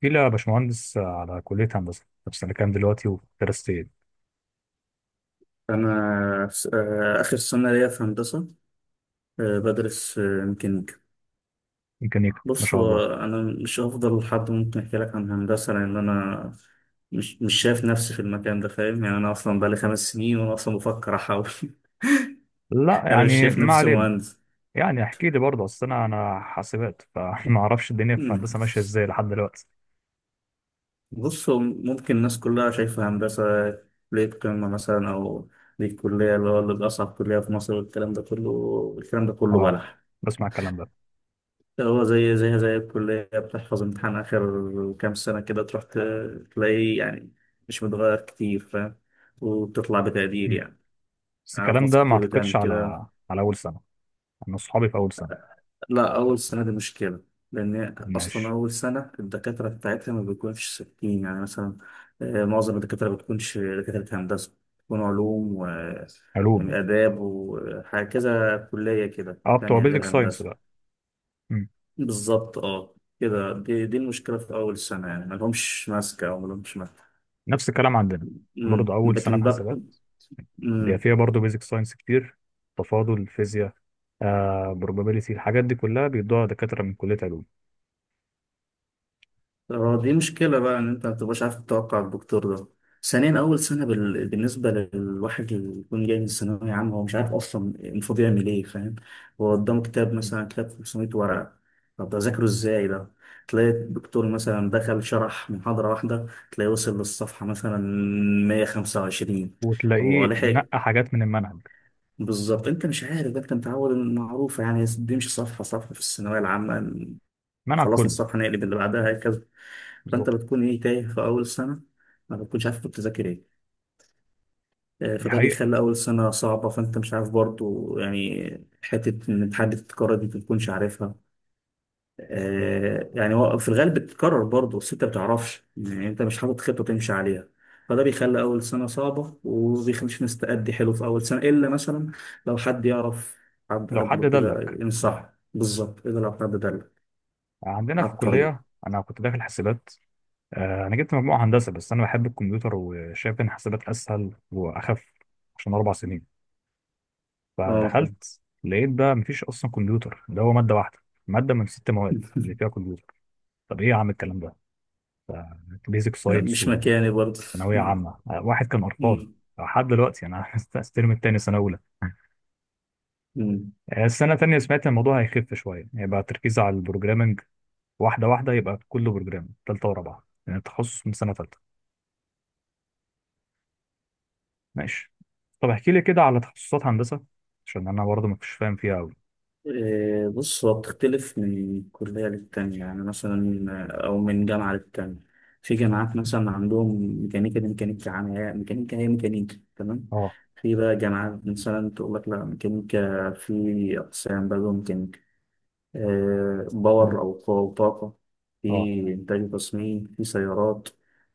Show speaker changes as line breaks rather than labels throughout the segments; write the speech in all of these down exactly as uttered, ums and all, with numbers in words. في، لا باشمهندس، على كلية هندسة. في سنة كام دلوقتي وفي درستين
أنا س- آه، آخر سنة ليا في هندسة. آه، بدرس آه، ميكانيكا.
ميكانيكا؟ ما
بص،
شاء
هو
الله.
أنا مش هفضل حد ممكن أحكي لك عن هندسة لأن أنا مش مش شايف نفسي في المكان ده، فاهم؟ يعني أنا أصلا بقالي خمس سنين وأنا أصلا بفكر أحول.
لا
أنا مش
يعني،
شايف
ما
نفسي
علينا.
مهندس.
يعني احكي لي برضه، اصل انا انا حاسبات، فما اعرفش الدنيا في
مم.
الهندسة ماشية ازاي لحد دلوقتي.
بص، هو ممكن الناس كلها شايفة هندسة كلية قمة مثلا، أو دي الكلية اللي هو اللي بأصعب كلية في مصر، والكلام ده كله الكلام ده كله
اه،
بلح.
بسمع الكلام ده.
هو زي زيها زي الكلية، بتحفظ امتحان آخر كام سنة كده، تروح ت- تلاقيه يعني مش متغير كتير، فاهم؟ وبتطلع بتقدير
مم.
يعني.
بس
أعرف
الكلام
ناس
ده ما
كتير بتعمل
اعتقدش
كده.
على على اول سنة. انا اصحابي في اول سنة.
لا، أول سنة دي مشكلة، لأن أصلا
ماشي.
أول سنة الدكاترة بتاعتها ما بيكونش ثابتين، يعني مثلا آه، معظم الدكاترة ما بتكونش دكاترة هندسة، بتكون علوم و-
علوم.
وآداب وحاجة كذا كلية كده
اه، بتوع
تانية
بيزك
غير
ساينس
هندسة.
بقى. مم.
بالظبط، اه. كده دي دي المشكلة في أول سنة، يعني ملهمش ماسكة أو ملهمش ماسكة.
نفس الكلام عندنا، برضه
أمم،
اول سنة في
لكن بقى،
حاسبات بيبقى
أمم،
فيها برضه بيزك ساينس كتير، تفاضل، فيزياء، آه probability، الحاجات دي كلها بيدوها دكاترة من كلية علوم.
اه، دي مشكلة بقى إن أنت متبقاش عارف تتوقع الدكتور ده. ثانيا، أول سنة بال... بالنسبة للواحد اللي يكون جاي من الثانوية عامة، هو مش عارف أصلا المفروض يعمل إيه، فاهم؟ هو قدامه كتاب مثلا، كتاب 500 ورقة، طب ده ذاكره إزاي ده؟ تلاقي الدكتور مثلا دخل شرح محاضرة واحدة، تلاقيه وصل للصفحة مثلا مائة وخمسة وعشرين. هو
وتلاقيه
لحق.
نقى حاجات من المنهج.
بالظبط، انت مش عارف ده، انت متعود ان معروفه، يعني بيمشي صفحه صفحه في الثانويه العامه.
المنهج
خلصنا
كله.
الصفحه، نقلب اللي بعدها، هكذا. فانت
بالظبط.
بتكون ايه، تايه في اول سنه، ما بتكونش عارف كنت تذاكر ايه. آه،
دي
فده
حقيقة.
بيخلي اول سنه صعبه، فانت مش عارف برضو يعني حته ان الامتحان دي ما بتكونش عارفها. آه، يعني هو في الغالب بتتكرر برضه، بس انت ما بتعرفش، يعني انت مش حاطط خطه تمشي عليها. فده بيخلي اول سنه صعبه وبيخليش الناس تأدي حلو في اول سنه، الا مثلا لو حد يعرف حد
لو حد
قبله كده
دلك.
ينصح بالظبط، الا لو حد دل
عندنا في
على الطريق.
الكلية أنا كنت داخل حاسبات. آه أنا جبت مجموعة هندسة، بس أنا بحب الكمبيوتر، وشايف إن حاسبات أسهل وأخف، عشان أربع سنين.
اه. فاهم.
فدخلت لقيت بقى مفيش أصلا كمبيوتر، ده هو مادة واحدة، مادة من ست مواد اللي فيها كمبيوتر. طب إيه يا عم الكلام ده، بيزك ساينس
مش مكاني برضه.
وثانويه عامه، آه، واحد كان ارقام. لحد دلوقتي انا الترم التاني سنه اولى.
مم.
آه، السنه التانيه سمعت الموضوع هيخف شويه، هيبقى تركيز على البروجرامنج. واحده واحده، يبقى كله بروجرامنج. تالته ورابعه يعني التخصص، من سنه تالته. ماشي. طب احكي لي كده على تخصصات هندسه، عشان انا برضه ما كنتش فاهم فيها قوي.
إيه، بص هو بتختلف من كلية للتانية، يعني مثلا آه، أو من جامعة للتانية. في جامعات مثلا عندهم ميكانيكا، دي ميكانيكا عامة، ميكانيكا هي ميكانيكا، تمام.
اه.
في بقى جامعات مثلا تقول لك لا، ميكانيكا في أقسام بقى جوه ميكانيكا. إيه،
مم.
باور أو قوة وطاقة. في
اه.
إنتاج وتصميم، في سيارات،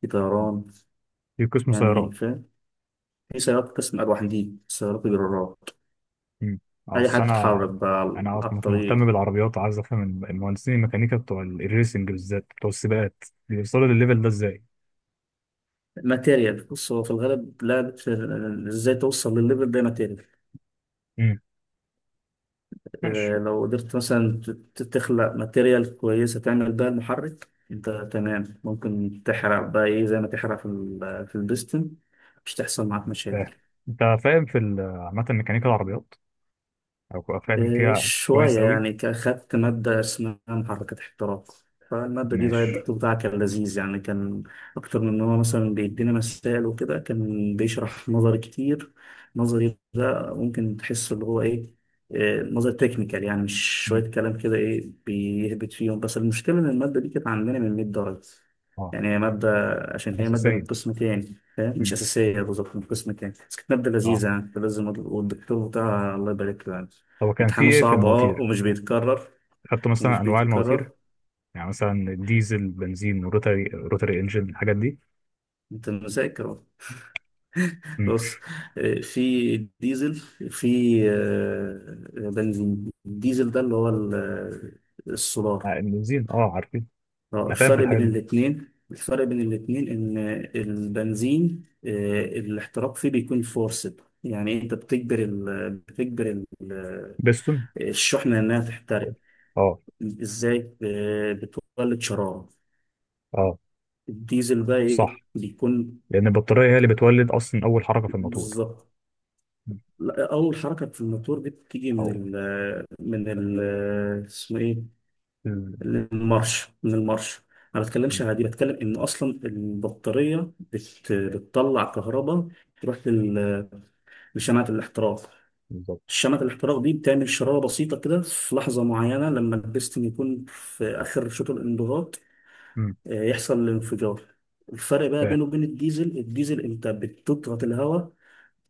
في
مم.
طيران،
في قسم
يعني
سيارات.
فاهم. في سيارات قسم أرواح، دي سيارات جرارات،
مم. اه،
أي
اصل
حد تتحرك
انا
بقى.
انا اصلا
على
كنت
الطريق.
مهتم بالعربيات، وعايز افهم الم- المهندسين الميكانيكا بتوع ال- الريسنج، بالذات بتوع السباقات، بيوصلوا للليفل ده ازاي؟
ماتيريال. بص هو في الغالب لعبة ال- ازاي توصل للليفل ده، ماتيريال.
ماشي.
آه، لو قدرت مثلا ت- ت- تخلق ماتيريال كويسة تعمل بيها المحرك، انت تمام، ممكن تحرق بقى ايه زي ما تحرق في ال- في البستن، مش تحصل معاك مشاكل.
فاهم. انت فاهم في ال- عامة ميكانيكا العربيات؟ او فاهم
إيه،
فيها كويس
شوية
قوي؟
يعني، ك- خدت مادة اسمها محركات احتراق. فالمادة دي بقى
ماشي.
الدكتور بتاعها كان لذيذ يعني، كان أكتر من إن هو مثلا بيدينا مسائل وكده، كان بيشرح نظري كتير. نظري ده ممكن تحس اللي هو إيه، إيه، نظري تكنيكال، يعني مش
مم.
شوية كلام كده إيه بيهبط فيهم. بس المشكلة إن المادة دي كانت عندنا من 100 درجة.
اه.
يعني هي مادة، عشان هي مادة من
اساسيا.
قسم تاني، فاهم، مش
مم.
أساسية بالظبط، من قسم تاني، بس كانت مادة
اه.
لذيذة يعني، كنت لازم، والدكتور بتاعها الله يبارك له يعني.
هو كان في
امتحانه
ايه في
صعب اه،
المواتير؟
ومش بيتكرر،
خدتوا
ومش
مثلا انواع المواتير؟
بيتكرر.
يعني مثلا ديزل، بنزين، روتري روتري انجن، الحاجات دي.
انت مذاكر أهو.
مم.
بص، آه، في ديزل، في آه، بنزين. الديزل ده اللي هو ال- آه، السولار.
آه، البنزين، اه، عارفين.
آه،
انا فاهم في
الفرق بين
الحاجات دي.
الاتنين، الفرق بين الاتنين ان البنزين آه، الاحتراق فيه بيكون فورسد، يعني انت بتجبر ال... بتجبر ال... آه،
بيستون.
الشحنة انها
اه.
تحترق.
اه.
ازاي؟ آه، بتولد شرارة.
آه،
الديزل بقى ايه
صح.
بيكون،
لان البطاريه هي اللي بتولد اصلا اول حركه في الموتور.
بالظبط.
مم.
لا، اول حركه في الموتور دي بتيجي
او
من ال من ال اسمه ايه
ال-
المارش، من المارش. انا ما بتكلمش
مم.
عادي، بتكلم ان اصلا البطاريه بت بتطلع كهرباء، تروح لل- لشمعه الاحتراق.
بالظبط.
شمعة الاحتراق دي بتعمل شرارة بسيطة كده في لحظة معينة، لما البستن يكون في آخر شوط الانضغاط،
مم.
آه، يحصل الانفجار. الفرق بقى
فاهم.
بينه وبين الديزل، الديزل انت بتضغط الهواء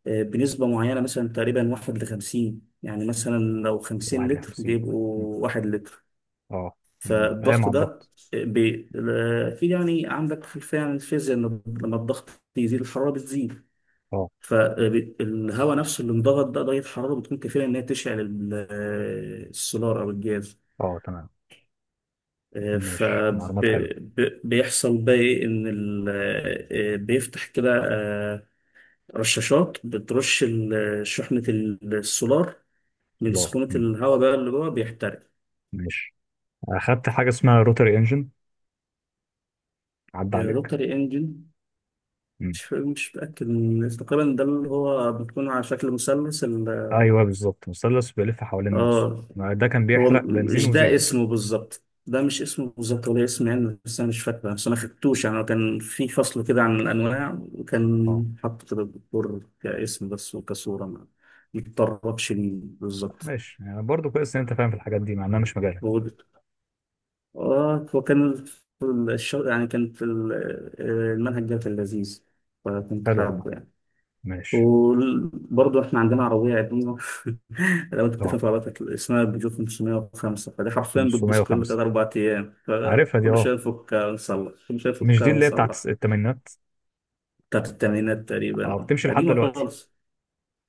بنسبة معينة، مثلا تقريبا واحد لخمسين، يعني مثلا لو خمسين لتر
واحد وخمسين.
بيبقوا واحد لتر.
اه. مم. ايه
فالضغط
مع
ده
الضغط؟
بي... في، يعني عندك خلفية عن الفيزياء، إن لما الضغط يزيد الحرارة بتزيد.
اه.
فالهواء نفسه اللي انضغط ده درجة حرارة بتكون كافية إن هي تشعل ال- السولار أو الجاز.
اه. تمام. ماشي، معلومات حلوه.
فبيحصل بقى إيه، إن ال... بيفتح كده، آه، رشاشات بترش ال- شحنة السولار، من
سولار.
سخونة
مم.
الهواء بقى اللي جوه بيحترق.
ماشي. اخدت حاجه اسمها روتري انجن، عدى
آه،
عليك؟
روتري انجن،
مم.
مش مش متأكد من- تقريبا ده اللي هو بيكون على شكل مثلث ال-
ايوه بالظبط، مثلث بيلف حوالين نفسه.
اه.
ما ده كان
هو
بيحرق بنزين
مش ده
وزيت.
اسمه بالظبط، ده مش اسمه بالظبط ولا اسم يعني، بس انا مش فاكره، بس انا خدتوش يعني، هو كان في فصل كده عن الانواع،
اه.
وكان حاطط كده الدكتور كاسم بس وكصوره، ما متطربش ليه بالظبط.
ماشي. يعني برضه كويس ان انت فاهم في الحاجات دي، مع انها مش مجالك.
هو، اه هو كان في الش- يعني كان في ال- آه، المنهج ده كان لذيذ، فكنت
حلو والله.
حابه يعني.
ماشي.
وبرضه احنا عندنا عربية قديمة. لو انت
اه،
بتفهم في عربيتك، اسمها بيجو خمسمية وخمسة. فدي حرفيا بتبوظ كل تلات
خمسة صفر خمسة.
أربع أيام،
عارفها دي.
فكل
اه.
شوية نفكها ونصلح، كل شوية
مش
نفكها
دي اللي هي بتاعت
ونصلح.
الثمانينات؟
بتاعت التمانينات تقريبا
اه،
اه.
بتمشي لحد
قديمة
دلوقتي.
خالص.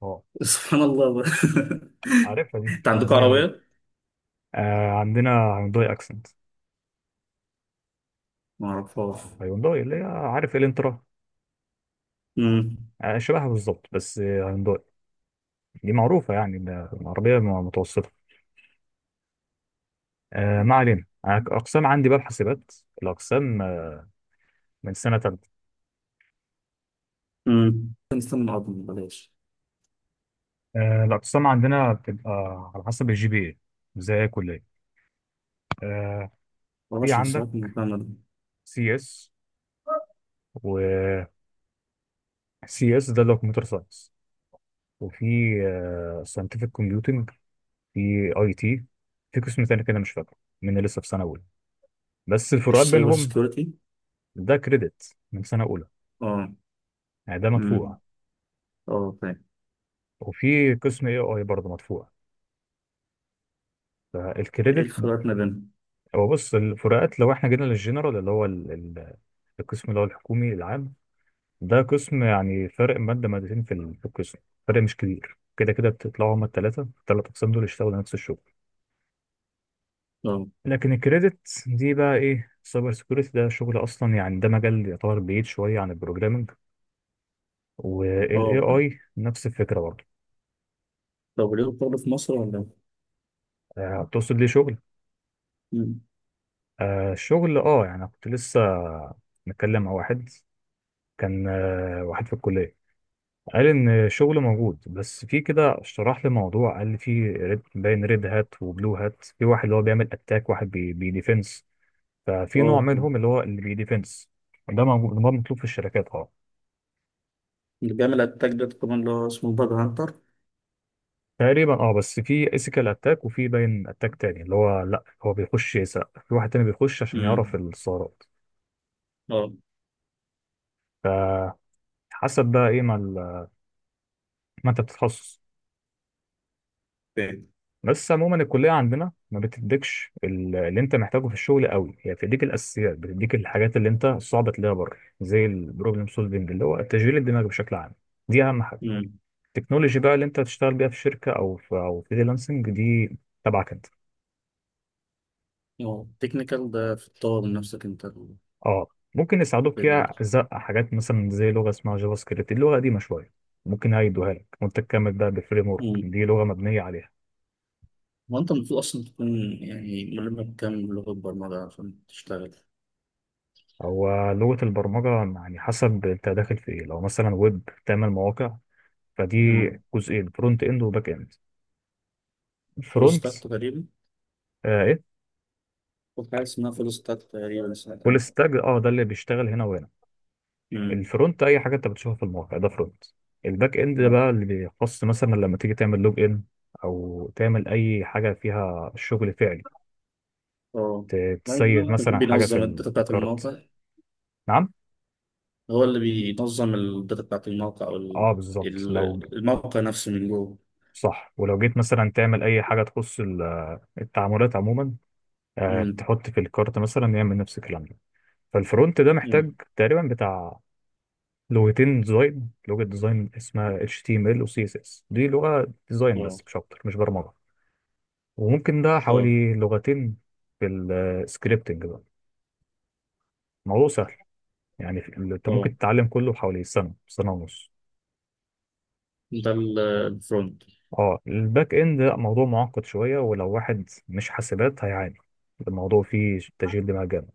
اه.
سبحان الله بقى.
عارفها دي.
انت
آه،
عندكم
ميه ميه.
عربية؟
آه، عندنا هيونداي اكسنت.
ما اعرفهاش.
هيونداي اللي هي عارف، الانترا.
امم.
آه، شبهها بالظبط. بس آه، هيونداي. دي معروفة، يعني ده عربية م- متوسطة. آه، ما علينا. أنا ك- أقسام عندي بقى، الحاسبات. الأقسام، آه، من سنة تالتة.
امم، نستنى الأرض بلاش.
آه، الأقسام عندنا بتبقى على حسب الجي بي إيه، زي أي كلية. آه، في
معرفش
عندك
نسيبك من المكان ده.
سي إس، و سي إس ده اللي هو كمبيوتر ساينس، وفي ساينتفك كومبيوتنج، في أي تي، في قسم تاني كده مش فاكره، من لسه في سنة أولى. بس الفروقات
ايش سايبر
بينهم،
سكيورتي؟
ده كريدت من سنة أولى،
اه.
يعني ده
امم.
مدفوع.
اه فاهم.
وفي قسم اي اي برضه مدفوع،
ايه
فالكريدت.
الفروقات ما بينهم؟
هو بص، الفروقات لو احنا جينا للجنرال اللي هو ال- ال- القسم اللي هو الحكومي العام، ده قسم يعني فرق مادة مادتين في ال- في القسم، فرق مش كبير. كده كده بتطلعوا، هما التلاتة التلات أقسام دول يشتغلوا نفس الشغل.
اه.
لكن الكريدت دي بقى إيه، سايبر سيكيورتي ده شغل أصلا، يعني ده مجال يعتبر بعيد شوية عن البروجرامينج، وال
اه.
إيه آي نفس الفكرة برضه.
لو ليه شغل في مصر ولا؟
آه، تقصد ليه شغل؟
مم.
آه، الشغل آه يعني كنت لسه متكلم مع واحد، كان آه، واحد في الكلية، قال إن الشغل موجود، بس في كده شرح لي موضوع، قال لي في ريد، باين، ريد هات وبلو هات، في واحد اللي هو بيعمل أتاك، واحد بي بيديفنس. ففي نوع
اه. مم.
منهم اللي هو اللي بيديفنس، ده موجود، ده مطلوب في الشركات. اه.
اللي بيعمل اتاك ده كمان اللي هو اسمه باج هانتر.
تقريبا اه. بس في اسيكال اتاك، وفي باين اتاك تاني اللي هو، لا هو بيخش يسرق، في واحد تاني بيخش عشان يعرف
مم.
الثغرات
اه
فحسب. بقى ايه ما, ال- ما انت بتتخصص.
فاهم.
بس عموما الكلية عندنا ما بتديكش ال- اللي انت محتاجه في الشغل قوي، هي بتديك الاساسيات، بتديك الحاجات اللي انت صعب تلاقيها بره، زي البروبلم سولفنج اللي هو تشغيل الدماغ بشكل عام، دي اهم حاجة.
مم.
التكنولوجي بقى اللي انت هتشتغل بيها في شركة او في او فريلانسنج، دي تبعك انت.
اه، تكنيكال ده في تطور من نفسك انت.
اه. ممكن يساعدوك
بال...
فيها، زق حاجات مثلا زي لغة اسمها جافا سكريبت، اللغة قديمة شوية، ممكن هيدوها لك وانت تكمل بقى بالفريم ورك،
مم.
دي لغة مبنية عليها.
هو انت المفروض اصلا تكون يعني ملم بكام لغة برمجة عشان تشتغل؟
هو لغة البرمجة، يعني حسب انت داخل في ايه. لو مثلا ويب، تعمل مواقع، فدي
مم.
جزئين، فرونت اند وباك اند.
فول
الفرونت
ستاك تقريبا.
آه، ايه،
في حاجة اسمها فول ستاك تقريبا، سمعت
فول
عنها.
ستاك. اه، ده اللي بيشتغل هنا وهنا.
مم.
الفرونت اي حاجه انت بتشوفها في الموقع ده فرونت. الباك اند ده
اه.
بقى اللي بيخص مثلا لما تيجي تعمل لوج ان، او تعمل اي حاجه فيها شغل فعلي،
اه،
ت- تسيف
ممكن يكون
مثلا حاجه في
بينظم
ال-
الداتا
في
بتاعت
الكارت.
الموقع.
نعم.
هو اللي بينظم الداتا بتاعت الموقع او
اه
ال-
بالظبط، لو.
ال- الموقع نفسه من جوه.
صح. ولو جيت مثلا تعمل اي حاجه تخص ال- التعاملات عموما، آه
امم.
تحط في الكارت مثلا، يعمل نفس الكلام ده. فالفرونت ده محتاج
امم.
تقريبا بتاع لغتين ديزاين، لغة ديزاين اسمها H T M L و سي إس إس، دي لغة ديزاين
اه.
بس، مش أكتر، مش برمجة. وممكن ده
اه.
حوالي لغتين. في السكريبتنج بقى، الموضوع سهل يعني، في- أنت
اه،
ممكن تتعلم كله حوالي سنة، سنة ونص.
ده ال- الفرونت.
اه. الباك إند لأ، موضوع معقد شوية، ولو واحد مش حاسبات هيعاني، الموضوع فيه تشغيل دماغ جامد.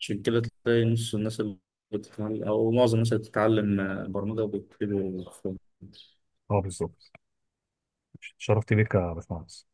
عشان كده تلاقي نص الناس اللي بتتعلم او معظم الناس اللي بتتعلم برمجه بيكتبوا فرونت.
اه بالظبط. شرفت بيك يا باشمهندس.